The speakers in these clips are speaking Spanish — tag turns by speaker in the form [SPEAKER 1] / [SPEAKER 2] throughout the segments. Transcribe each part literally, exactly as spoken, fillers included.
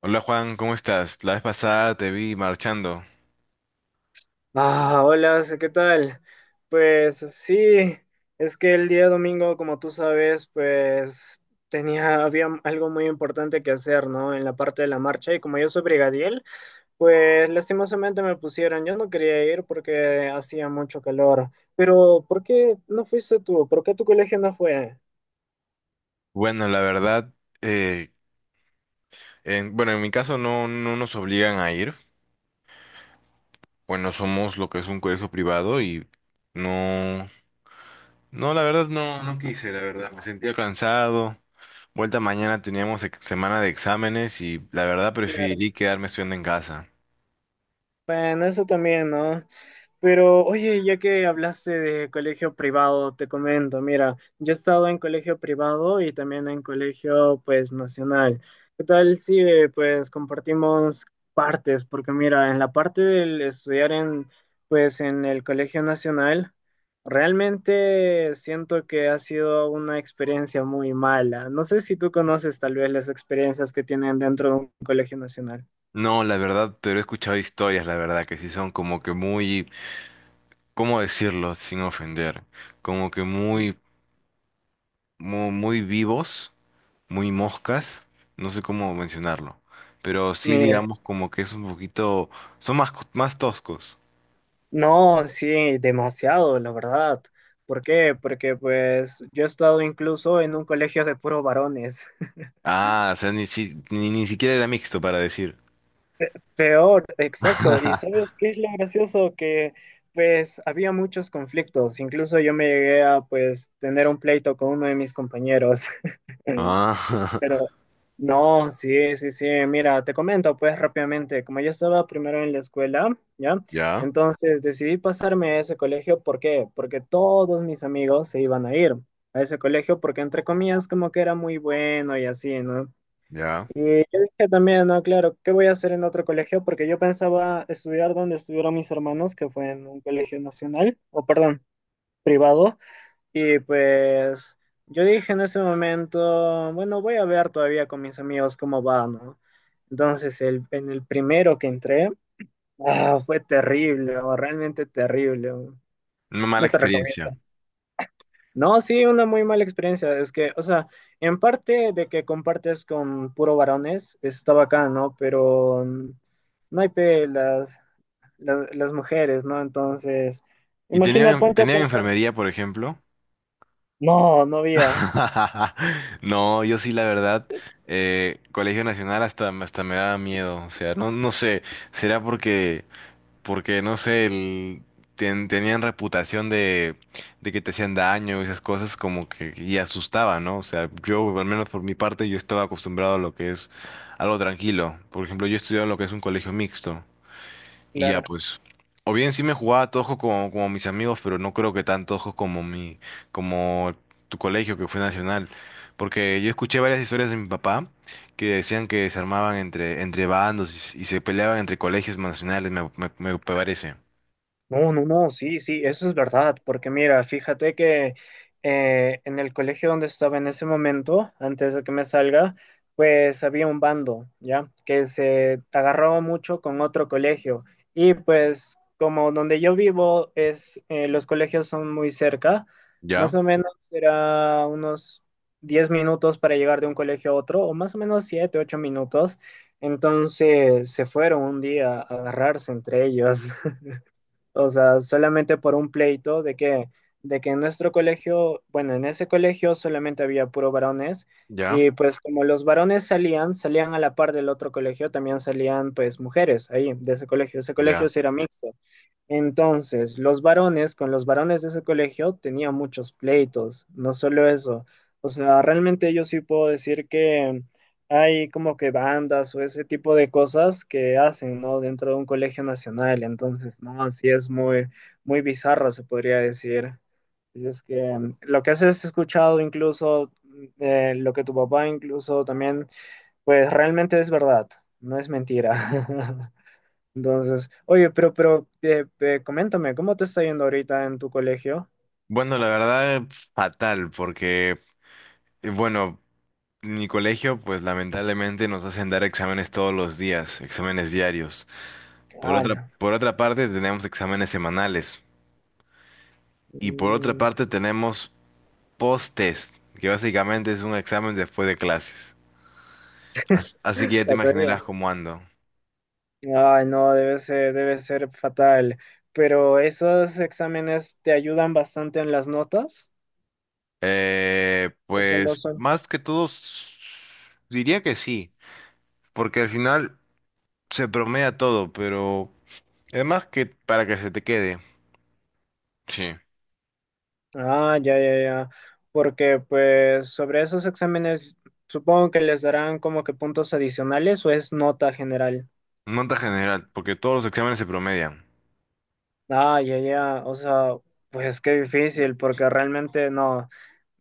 [SPEAKER 1] Hola Juan, ¿cómo estás? La vez pasada te vi marchando.
[SPEAKER 2] Ah, hola, ¿qué tal? Pues sí, es que el día domingo, como tú sabes, pues tenía, había algo muy importante que hacer, ¿no? En la parte de la marcha, y como yo soy brigadier, pues lastimosamente me pusieron. Yo no quería ir porque hacía mucho calor. Pero, ¿por qué no fuiste tú? ¿Por qué tu colegio no fue?
[SPEAKER 1] Bueno, la verdad, eh, en, bueno, en mi caso no, no nos obligan a ir. Bueno, somos lo que es un colegio privado y no, no, la verdad no, no quise, la verdad. Me sentía cansado. Vuelta mañana teníamos ex- semana de exámenes y la verdad
[SPEAKER 2] Claro.
[SPEAKER 1] preferí quedarme estudiando en casa.
[SPEAKER 2] Bueno, eso también, ¿no? Pero oye, ya que hablaste de colegio privado, te comento, mira, yo he estado en colegio privado y también en colegio, pues, nacional. ¿Qué tal si, eh, pues, compartimos partes? Porque mira, en la parte del estudiar en, pues, en el colegio nacional, realmente siento que ha sido una experiencia muy mala. No sé si tú conoces tal vez las experiencias que tienen dentro de un colegio nacional.
[SPEAKER 1] No, la verdad, pero he escuchado historias, la verdad, que sí son como que muy, ¿cómo decirlo sin ofender? Como que muy, muy, muy vivos muy moscas, no sé cómo mencionarlo, pero sí
[SPEAKER 2] Mira.
[SPEAKER 1] digamos como que es un poquito, son más, co- más toscos.
[SPEAKER 2] No, sí, demasiado, la verdad. ¿Por qué? Porque pues yo he estado incluso en un colegio de puros varones.
[SPEAKER 1] Ah, o sea, ni, si- ni, ni siquiera era mixto para decir.
[SPEAKER 2] Peor, exacto. ¿Y sabes qué es lo gracioso? Que pues había muchos conflictos. Incluso yo me llegué a pues tener un pleito con uno de mis compañeros.
[SPEAKER 1] Ah,
[SPEAKER 2] Pero no, sí, sí, sí. Mira, te comento pues rápidamente, como yo estaba primero en la escuela, ¿ya?
[SPEAKER 1] ya,
[SPEAKER 2] Entonces decidí pasarme a ese colegio, ¿por qué? Porque todos mis amigos se iban a ir a ese colegio porque entre comillas como que era muy bueno y así, ¿no?
[SPEAKER 1] ya.
[SPEAKER 2] Y yo dije también, no, claro, ¿qué voy a hacer en otro colegio? Porque yo pensaba estudiar donde estuvieron mis hermanos, que fue en un colegio nacional, o perdón, privado. Y pues yo dije en ese momento, bueno, voy a ver todavía con mis amigos cómo va, ¿no? Entonces, el, en el primero que entré, ah, fue terrible, o realmente terrible. o-
[SPEAKER 1] Una mala
[SPEAKER 2] No te recomiendo.
[SPEAKER 1] experiencia.
[SPEAKER 2] No, sí, una muy mala experiencia. Es que, o sea, en parte de que compartes con puro varones, está bacán, ¿no? Pero mm, no hay pe las, las, las mujeres, ¿no? Entonces,
[SPEAKER 1] ¿Y
[SPEAKER 2] imagina,
[SPEAKER 1] tenían,
[SPEAKER 2] ponte a
[SPEAKER 1] tenían
[SPEAKER 2] pensar.
[SPEAKER 1] enfermería, por ejemplo?
[SPEAKER 2] No, no había.
[SPEAKER 1] No, yo sí, la verdad, eh, Colegio Nacional hasta, hasta me daba miedo. O sea, no, no sé, será porque porque no sé, el- ten- tenían reputación de, de que te hacían daño y esas cosas como que y asustaba, ¿no? O sea, yo, al menos por mi parte, yo estaba acostumbrado a lo que es algo tranquilo. Por ejemplo, yo he estudiado en lo que es un colegio mixto. Y ya,
[SPEAKER 2] Claro.
[SPEAKER 1] pues. O bien sí me jugaba tojo como, como mis amigos, pero no creo que tan tojo como mi, como tu colegio que fue nacional. Porque yo escuché varias historias de mi papá que decían que se armaban entre, entre bandos y, s- y se peleaban entre colegios nacionales, me, me, me parece.
[SPEAKER 2] No, no, no, sí, sí, eso es verdad, porque mira, fíjate que eh, en el colegio donde estaba en ese momento, antes de que me salga, pues había un bando, ¿ya? Que se agarraba mucho con otro colegio. Y pues como donde yo vivo es, eh, los colegios son muy cerca, más o
[SPEAKER 1] ¿Ya?
[SPEAKER 2] menos era unos diez minutos para llegar de un colegio a otro, o más o menos siete, ocho minutos. Entonces se fueron un día a agarrarse entre ellos. O sea, solamente por un pleito de que, de que en nuestro colegio, bueno, en ese colegio solamente había puro varones
[SPEAKER 1] ¿Ya?
[SPEAKER 2] y pues como los varones salían, salían a la par del otro colegio, también salían pues mujeres ahí de ese colegio. Ese colegio
[SPEAKER 1] ¿Ya?
[SPEAKER 2] sí era mixto. Entonces, los varones con los varones de ese colegio tenían muchos pleitos, no solo eso. O sea, realmente yo sí puedo decir que hay como que bandas o ese tipo de cosas que hacen, ¿no? Dentro de un colegio nacional. Entonces, ¿no? Así es muy, muy bizarro, se podría decir. Así es que mm, lo que has escuchado incluso, mm, eh, lo que tu papá incluso también, pues realmente es verdad, no es mentira. Entonces, oye, pero, pero, eh, eh, coméntame, ¿cómo te está yendo ahorita en tu colegio?
[SPEAKER 1] Bueno, la verdad, fatal, porque, eh, bueno, mi colegio, pues lamentablemente nos hacen dar exámenes todos los días, exámenes diarios. Por otra,
[SPEAKER 2] ¡Hala!
[SPEAKER 1] por otra parte, tenemos exámenes semanales. Y por otra
[SPEAKER 2] Mm,
[SPEAKER 1] parte, tenemos post-test, que básicamente es un examen después de clases. As- Así, que ya te
[SPEAKER 2] Satoría.
[SPEAKER 1] imaginarás cómo ando.
[SPEAKER 2] Ay, no, debe ser, debe ser fatal. Pero esos exámenes te ayudan bastante en las notas,
[SPEAKER 1] Eh,
[SPEAKER 2] o solo
[SPEAKER 1] pues
[SPEAKER 2] son.
[SPEAKER 1] más que todo, s- diría que sí, porque al final se promedia todo, pero además que para que se te quede. Sí.
[SPEAKER 2] Ah, ya, ya, ya. Porque, pues, sobre esos exámenes, supongo que les darán como que puntos adicionales o es nota general.
[SPEAKER 1] Nota general, porque todos los exámenes se promedian.
[SPEAKER 2] Ah, ya, ya. O sea, pues qué difícil, porque realmente no.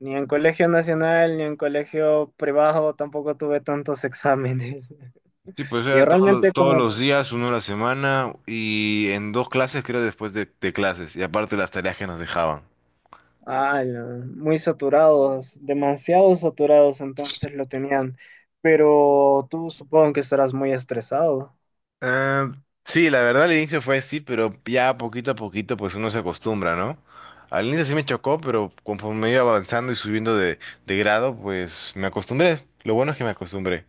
[SPEAKER 2] Ni en colegio nacional, ni en colegio privado tampoco tuve tantos exámenes.
[SPEAKER 1] Sí, pues
[SPEAKER 2] Y
[SPEAKER 1] era todos los,
[SPEAKER 2] realmente
[SPEAKER 1] todos
[SPEAKER 2] como,
[SPEAKER 1] los días, uno a la semana y en dos clases, creo, después de, de clases. Y aparte las tareas que nos dejaban.
[SPEAKER 2] Ah, la- muy saturados, demasiado saturados, entonces lo tenían. Pero tú supongo que estarás muy estresado.
[SPEAKER 1] Eh, sí, la verdad al inicio fue así, pero ya poquito a poquito pues uno se acostumbra, ¿no? Al inicio sí me chocó, pero conforme iba avanzando y subiendo de, de grado, pues me acostumbré. Lo bueno es que me acostumbré.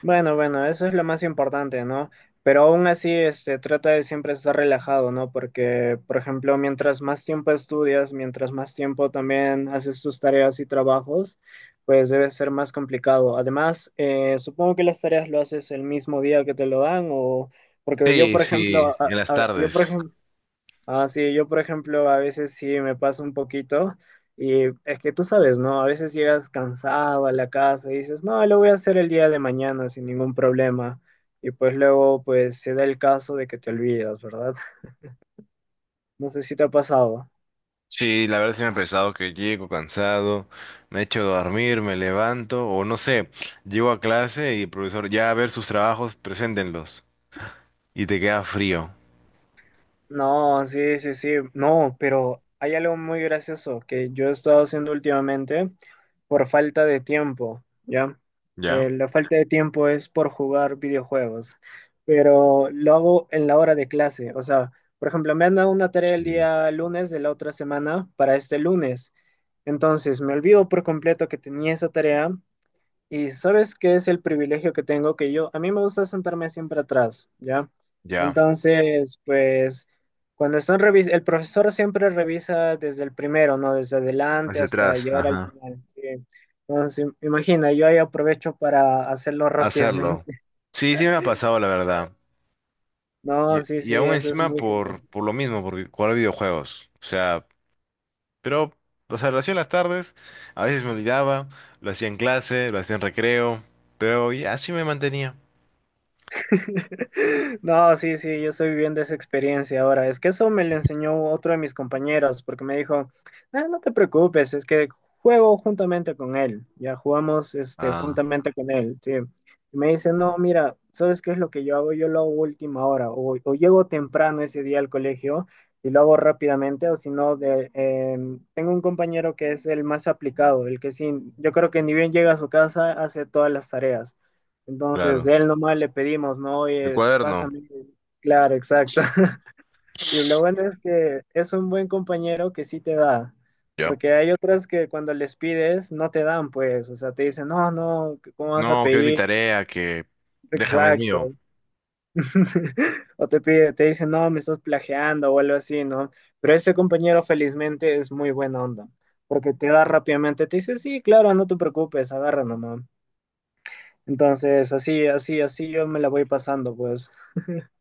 [SPEAKER 2] Bueno, bueno, eso es lo más importante, ¿no? Pero aún así, este, trata de siempre estar relajado, ¿no? Porque, por ejemplo, mientras más tiempo estudias, mientras más tiempo también haces tus tareas y trabajos, pues debe ser más complicado. Además, eh, supongo que las tareas lo haces el mismo día que te lo dan o... Porque yo,
[SPEAKER 1] Sí,
[SPEAKER 2] por
[SPEAKER 1] sí,
[SPEAKER 2] ejemplo,
[SPEAKER 1] en
[SPEAKER 2] a-
[SPEAKER 1] las
[SPEAKER 2] a- yo, por
[SPEAKER 1] tardes.
[SPEAKER 2] ejemplo, ah, sí, yo por ejemplo a veces sí me pasa un poquito y es que tú sabes, ¿no? A veces llegas cansado a la casa y dices, no, lo voy a hacer el día de mañana sin ningún problema y pues luego pues se da el caso de que te olvidas, ¿verdad? No sé si te ha pasado.
[SPEAKER 1] Sí, la verdad sí me ha pesado que llego cansado, me echo a dormir, me levanto, o no sé, llego a clase y el profesor, ya a ver sus trabajos, preséntenlos. Y te queda frío.
[SPEAKER 2] No, sí, sí, sí. No, pero hay algo muy gracioso que yo he estado haciendo últimamente por falta de tiempo, ¿ya? Eh,
[SPEAKER 1] ¿Ya?
[SPEAKER 2] la falta de tiempo es por jugar videojuegos, pero lo hago en la hora de clase. O sea, por ejemplo, me han dado una tarea el
[SPEAKER 1] Sí.
[SPEAKER 2] día lunes de la otra semana para este lunes. Entonces, me olvido por completo que tenía esa tarea y sabes qué es el privilegio que tengo, que yo, a mí me gusta sentarme siempre atrás, ¿ya?
[SPEAKER 1] Ya.
[SPEAKER 2] Entonces, pues, cuando están revis el profesor siempre revisa desde el primero, ¿no? Desde adelante
[SPEAKER 1] Hacia
[SPEAKER 2] hasta
[SPEAKER 1] atrás,
[SPEAKER 2] llegar al
[SPEAKER 1] ajá.
[SPEAKER 2] final, sí. Entonces, imagina, yo ahí aprovecho para hacerlo
[SPEAKER 1] Hacerlo.
[SPEAKER 2] rápidamente.
[SPEAKER 1] Sí, sí me ha pasado, la verdad.
[SPEAKER 2] No,
[SPEAKER 1] Y,
[SPEAKER 2] sí,
[SPEAKER 1] y
[SPEAKER 2] sí,
[SPEAKER 1] aún
[SPEAKER 2] eso es
[SPEAKER 1] encima
[SPEAKER 2] muy genial.
[SPEAKER 1] por, por lo mismo, por jugar videojuegos. O sea, pero, o sea, lo hacía en las tardes, a veces me olvidaba, lo hacía en clase, lo hacía en recreo, pero ya así me mantenía.
[SPEAKER 2] No, sí, sí, yo estoy viviendo esa experiencia ahora. Es que eso me lo enseñó otro de mis compañeros, porque me dijo, "Ah, no te preocupes, es que juego juntamente con él. Ya jugamos este,
[SPEAKER 1] Ah,
[SPEAKER 2] juntamente con él, sí. Y me dice, no, mira, ¿sabes qué es lo que yo hago? Yo lo hago a última hora, o, o llego temprano ese día al colegio y lo hago rápidamente, o si no, de- em, tengo un compañero que es el más aplicado, el que sí, yo creo que ni bien llega a su casa, hace todas las tareas. Entonces,
[SPEAKER 1] claro.
[SPEAKER 2] de él nomás le pedimos, ¿no?
[SPEAKER 1] El
[SPEAKER 2] Oye,
[SPEAKER 1] cuaderno.
[SPEAKER 2] pásame. Claro, exacto. Y lo bueno es que es un buen compañero que sí te da,
[SPEAKER 1] Ya.
[SPEAKER 2] porque hay otras que cuando les pides no te dan, pues, o sea, te dicen, no, no, ¿cómo vas a
[SPEAKER 1] No, que es mi
[SPEAKER 2] pedir?
[SPEAKER 1] tarea, que déjame, es mío.
[SPEAKER 2] Exacto. O te pide, te dicen, no, me estás plagiando o algo así, ¿no? Pero ese compañero felizmente es muy buena onda, porque te da rápidamente, te dice, sí, claro, no te preocupes, agarra nomás. Entonces, así, así, así yo me la voy pasando, pues.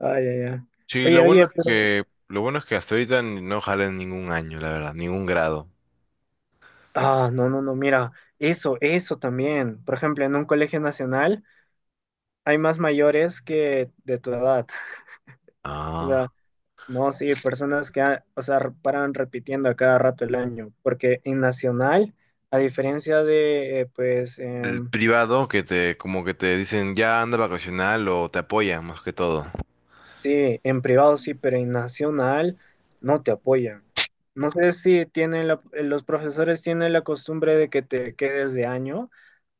[SPEAKER 2] Ah, ya, ya.
[SPEAKER 1] Sí,
[SPEAKER 2] Oye,
[SPEAKER 1] lo bueno
[SPEAKER 2] oye,
[SPEAKER 1] es
[SPEAKER 2] pero...
[SPEAKER 1] que, lo bueno es que hasta ahorita ni- no jalé en ningún año, la verdad, ningún grado.
[SPEAKER 2] Ah, no, no, no, mira, eso, eso también. Por ejemplo, en un colegio nacional hay más mayores que de tu edad. O sea,
[SPEAKER 1] Ah.
[SPEAKER 2] no, sí, personas que, ha- o sea, re- paran repitiendo a cada rato el año. Porque en nacional, a diferencia de, eh, pues,
[SPEAKER 1] El
[SPEAKER 2] em,
[SPEAKER 1] privado que te, como que te dicen ya anda vacacional o te apoyan más que todo.
[SPEAKER 2] sí, en privado sí, pero en nacional no te apoyan. No sé si tienen la- los profesores tienen la costumbre de que te quedes de año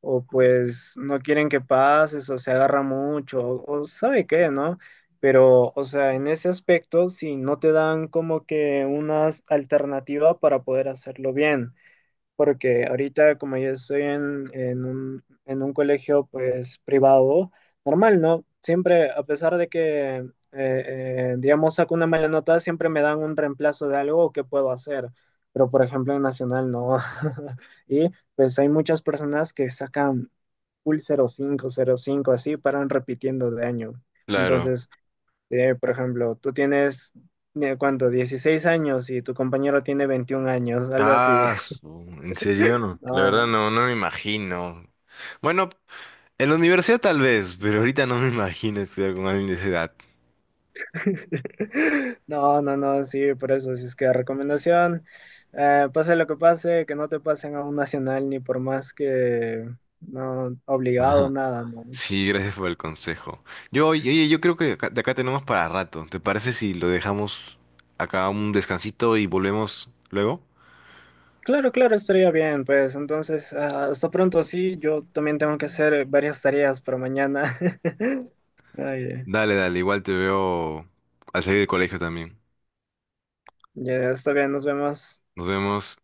[SPEAKER 2] o pues no quieren que pases o se agarra mucho o, o sabe qué, ¿no? Pero, o sea, en ese aspecto, si no te dan como que una alternativa para poder hacerlo bien porque ahorita como yo estoy en, en un, en un colegio pues privado, normal, ¿no? Siempre, a pesar de que, eh, eh, digamos, saco una mala nota, siempre me dan un reemplazo de algo que puedo hacer, pero por ejemplo en Nacional no. Y pues hay muchas personas que sacan full cero cinco cero cinco, así, paran repitiendo de año.
[SPEAKER 1] Claro.
[SPEAKER 2] Entonces, eh, por ejemplo, tú tienes... eh, ¿Cuánto? Dieciséis años y tu compañero tiene veintiún años, algo así.
[SPEAKER 1] Ah, su- en serio, no. La verdad
[SPEAKER 2] No,
[SPEAKER 1] no, no me imagino. Bueno, en la universidad tal vez, pero ahorita no me imagino estudiar con alguien de esa edad.
[SPEAKER 2] no, no, no, sí, por eso, si es que recomendación, eh, pase lo que pase, que no te pasen a un nacional ni por más que no obligado,
[SPEAKER 1] Ajá.
[SPEAKER 2] nada, no.
[SPEAKER 1] Sí, gracias por el consejo. Yo, oye, oye, yo creo que acá- de acá tenemos para rato. ¿Te parece si lo dejamos acá un descansito y volvemos luego?
[SPEAKER 2] Claro, claro, estaría bien, pues entonces, ah, hasta pronto, sí, yo también tengo que hacer varias tareas para mañana. Ay,
[SPEAKER 1] Dale, dale, igual te veo al salir del colegio también.
[SPEAKER 2] ya está bien, nos vemos.
[SPEAKER 1] Nos vemos.